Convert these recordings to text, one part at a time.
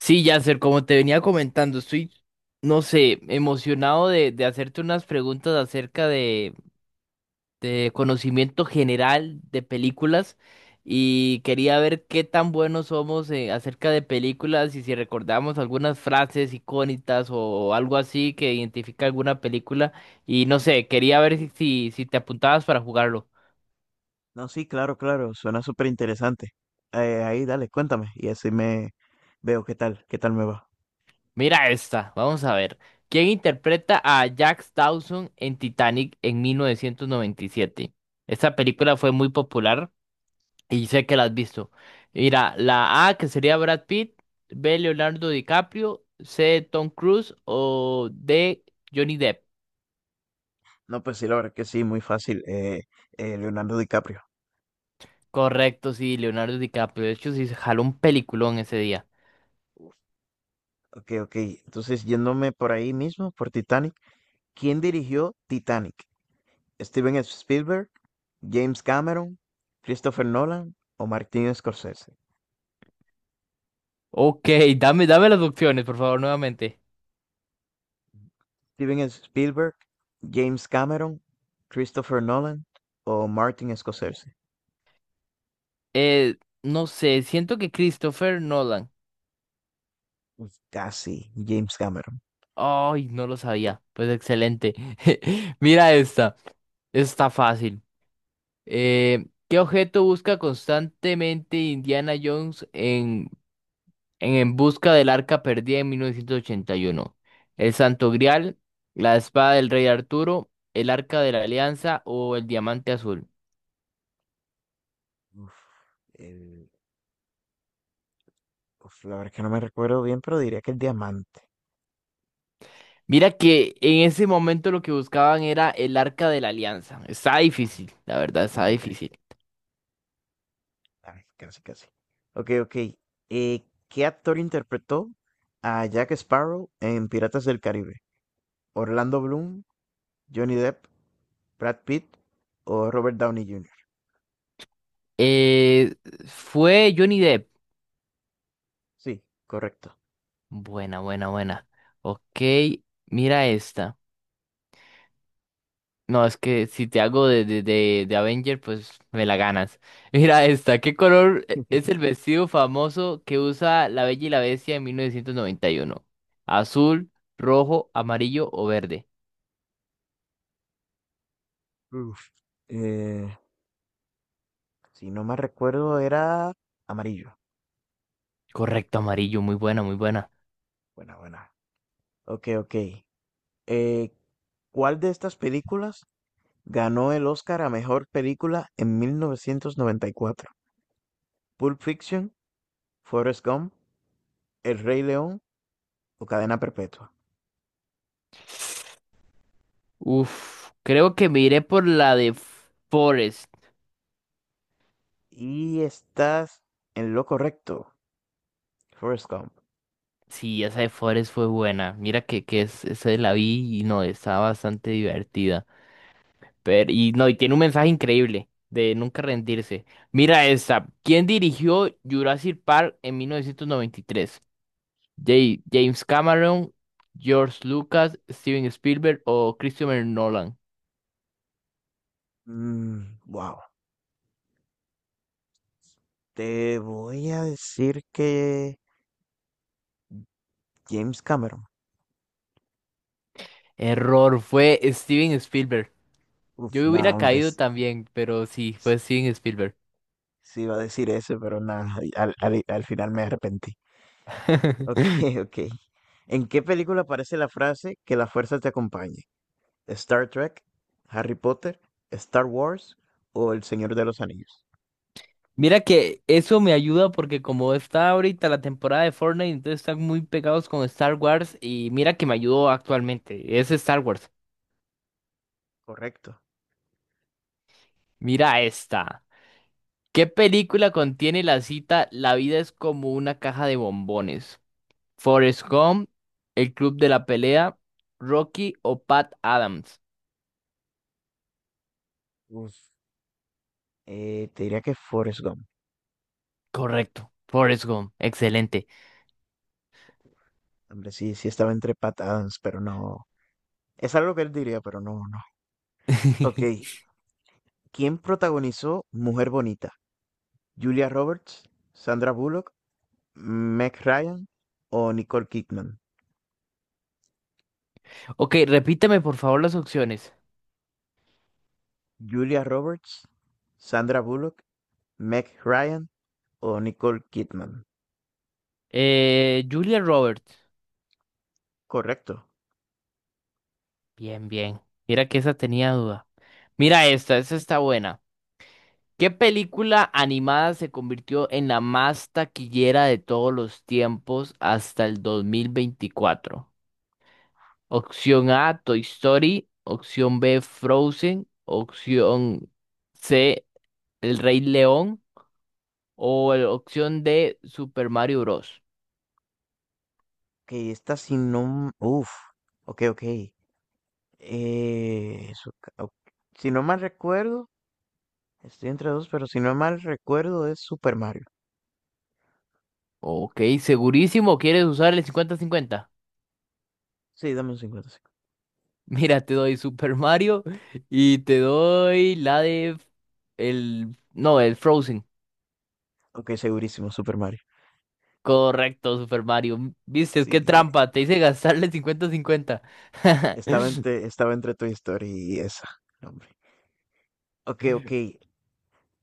Sí, Yasser, como te venía comentando, no sé, emocionado de hacerte unas preguntas acerca de conocimiento general de películas y quería ver qué tan buenos somos acerca de películas y si recordamos algunas frases icónicas algo así que identifica alguna película y no sé, quería ver si te apuntabas para jugarlo. No, sí, claro, claro, suena súper interesante. Ahí, dale, cuéntame y así me veo qué tal me va. Mira esta, vamos a ver. ¿Quién interpreta a Jack Dawson en Titanic en 1997? Esta película fue muy popular y sé que la has visto. Mira, la A que sería Brad Pitt, B Leonardo DiCaprio, C Tom Cruise o D Johnny Depp. No, pues sí, la verdad que sí, muy fácil. Leonardo DiCaprio. Correcto, sí, Leonardo DiCaprio. De hecho, sí se jaló un peliculón ese día. Ok, ok. Entonces, yéndome por ahí mismo, por Titanic. ¿Quién dirigió Titanic? ¿Steven Spielberg, James Cameron, Christopher Nolan o Martin Scorsese? Ok, dame las opciones, por favor, nuevamente. Steven Spielberg, James Cameron, Christopher Nolan o Martin Scorsese. Eh, no sé, siento que Christopher Nolan. Uf, casi, James Cameron. Ay, no lo sabía. Pues excelente. Mira esta. Está fácil. ¿Qué objeto busca constantemente Indiana Jones en busca del arca perdida en 1981? ¿El Santo Grial, la espada del rey Arturo, el arca de la Alianza o el diamante azul? Uf, el- la verdad es que no me recuerdo bien, pero diría que el diamante. Mira que en ese momento lo que buscaban era el arca de la Alianza. Está Ah, difícil, la verdad, no, está hombre, difícil. ay, casi, casi. Ok, ok. ¿Qué actor interpretó a Jack Sparrow en Piratas del Caribe? ¿Orlando Bloom, Johnny Depp, Brad Pitt o Robert Downey Jr.? Eh, fue Johnny Depp. Sí, correcto. Buena, buena, buena. Ok, mira esta. No, es que si te hago de Avenger, pues me la ganas. Mira esta. ¿Qué color es el vestido famoso que usa la Bella y la Bestia en 1991? ¿Azul, rojo, amarillo o verde? Uf, eh, si no me recuerdo, era amarillo. Correcto, amarillo. Muy buena, muy buena. Buena, buena. Ok, ok. Eh, ¿Cuál de estas películas ganó el Oscar a mejor película en 1994? Pulp Fiction, Forrest Gump, El Rey León o Cadena Perpetua. Uf, creo que me iré por la de Forest. Y estás en lo correcto, Forrest Gump. Sí, esa de Forest fue buena. Mira que esa la vi y no, estaba bastante divertida. Pero, y no, y tiene un mensaje increíble de nunca rendirse. Mira esta. ¿Quién dirigió Jurassic Park en 1993? James Cameron, George Lucas, Steven Spielberg o Christopher Nolan. Wow. Te voy a decir que James Cameron. Error, fue Steven Spielberg. Uf, Yo no, hubiera hombre. caído también, pero sí, s- fue Steven Spielberg. Sí iba a decir ese, pero nada, al final me arrepentí. Ok, ok. ¿En qué película aparece la frase que la fuerza te acompañe? Star Trek, Harry Potter, Star Wars o El Señor de los Anillos. Mira que eso me ayuda porque como está ahorita la temporada de Fortnite, entonces están muy pegados con Star Wars y mira que me ayudó actualmente. Es Star Wars. Correcto. Mira esta. ¿Qué película contiene la cita La vida es como una caja de bombones? ¿Forrest Gump, El Club de la Pelea, Rocky o Pat Adams? Uf, te diría que Forrest Gump. Correcto, Forrest Gump, excelente. Hombre, sí, sí estaba entre Pat Adams, pero no. Es algo que él diría, pero no, no. Ok. ¿Quién protagonizó Mujer Bonita? ¿Julia Roberts, Sandra Bullock, Meg Ryan o Nicole Kidman? Ok, repíteme por favor las opciones. Julia Roberts, Sandra Bullock, Meg Ryan o Nicole Kidman. Julia Roberts. Correcto. Bien, bien. Mira que esa tenía duda. Mira esta, esa está buena. ¿Qué película animada se convirtió en la más taquillera de todos los tiempos hasta el 2024? Opción A, Toy Story. Opción B, Frozen. Opción C, El Rey León. O opción D, Super Mario Bros. Que esta si no... Uf, ok, ok. Eso ok. Si no mal recuerdo, estoy entre dos, pero si no mal recuerdo es Super Mario. Ok, segurísimo, ¿quieres usar el 50-50? Sí, dame un 50. Sí. Mira, te doy Super Mario y te doy la de... El... No, el Frozen. Ok, segurísimo, Super Mario. Correcto, Super Mario. Viste, qué Sí, trampa. Te hice gastarle 50 50. Estaba entre Toy Story y esa, no, hombre. Ok, ok.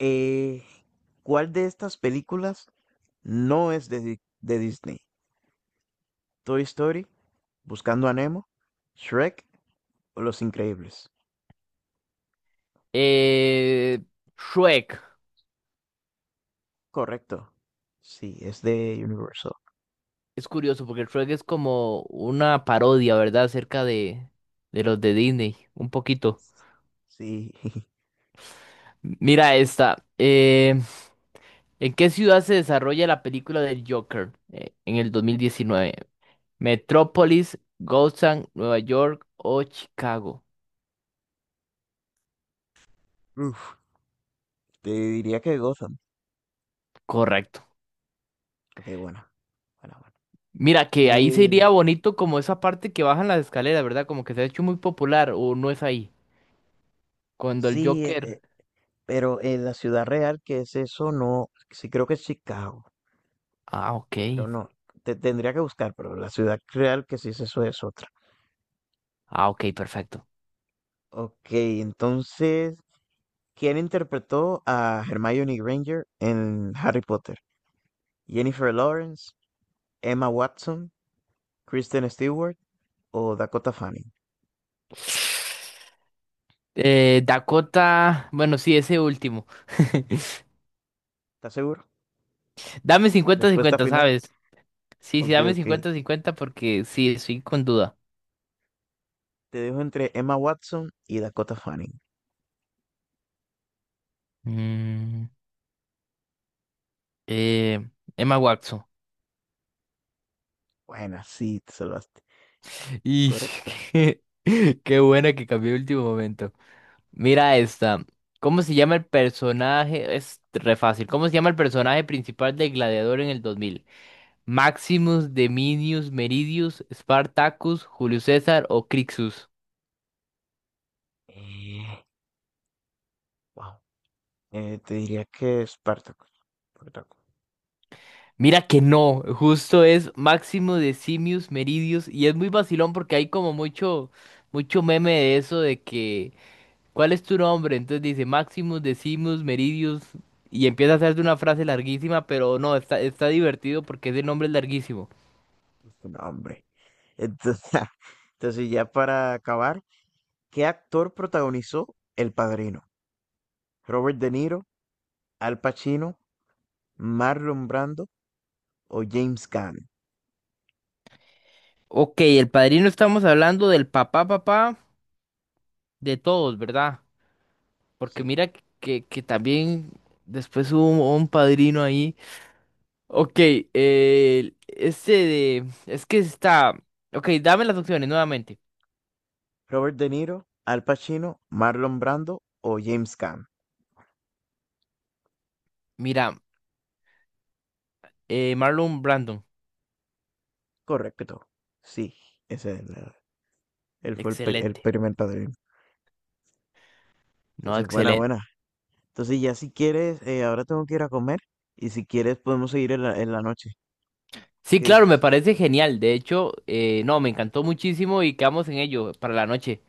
Eh, ¿Cuál de estas películas no es de, de Disney? ¿Toy Story, Buscando a Nemo, Shrek o Los Increíbles? Eh, Shrek. Correcto. Sí, es de Universal. Es curioso porque Shrek es como una parodia, ¿verdad? Acerca de los de Disney. Un poquito. Sí. Mira esta. ¿En qué ciudad se desarrolla la película del Joker en el 2019? ¿Metrópolis, Gotham, Nueva York o Chicago? Uf, te diría que Gotham. Correcto. Ok, bueno. Bueno, bueno. Mira, que ahí Eh, sería bonito como esa parte que bajan las escaleras, ¿verdad? Como que se ha hecho muy popular, o no es ahí. Cuando el sí, Joker. Pero en la ciudad real, que es eso? No, sí creo que es Chicago, Ah, ok. pero no. Te tendría que buscar, pero la ciudad real que sí es eso es otra. Ah, ok, perfecto. Ok, entonces, ¿quién interpretó a Hermione Granger en Harry Potter? ¿Jennifer Lawrence, Emma Watson, Kristen Stewart o Dakota Fanning? Dakota. Bueno, sí, ese último. ¿Estás seguro? Dame cincuenta, Respuesta cincuenta, final. ¿sabes? Sí, sí, Ok, dame ok. cincuenta, cincuenta, porque sí, estoy con duda. Te dejo entre Emma Watson y Dakota Fanning. Mm, eh, Emma Watson. Buena, sí, te salvaste. Y Correcto. qué, qué buena que cambió el último momento. Mira esta. ¿Cómo se llama el personaje? Es re fácil. ¿Cómo se llama el personaje principal de Gladiador en el 2000? ¿Maximus, Deminius, Meridius, Spartacus, Julio César o Crixus? Eh, wow. Te diría que Spartacus. Spartacus. Mira que no, justo es Maximus, Decimus, Meridius y es muy vacilón porque hay como mucho meme de eso de que ¿cuál es tu nombre? Entonces dice Maximus, Decimus, Meridius y empieza a hacerte una frase larguísima, pero no, está divertido porque ese nombre es larguísimo. Es un hombre. Entonces, entonces, ya para acabar, ¿qué actor protagonizó El Padrino? ¿Robert De Niro, Al Pacino, Marlon Brando o James Caan? Ok, el padrino estamos hablando del papá, de todos, ¿verdad? Porque Sí. mira que también después hubo un padrino ahí. Ok, este de... Es que está... Ok, dame las opciones nuevamente. Robert De Niro, Al Pacino, Marlon Brando o James Caan. Mira, Marlon Brandon. Correcto. Sí, ese es el, él fue el Excelente. primer padrino. No, Entonces, buena, excelente. buena. Entonces, ya si quieres, ahora tengo que ir a comer y si quieres podemos seguir en la noche. Sí, ¿Qué claro, me dices? parece genial. De hecho, no, me encantó muchísimo y quedamos en ello para la noche.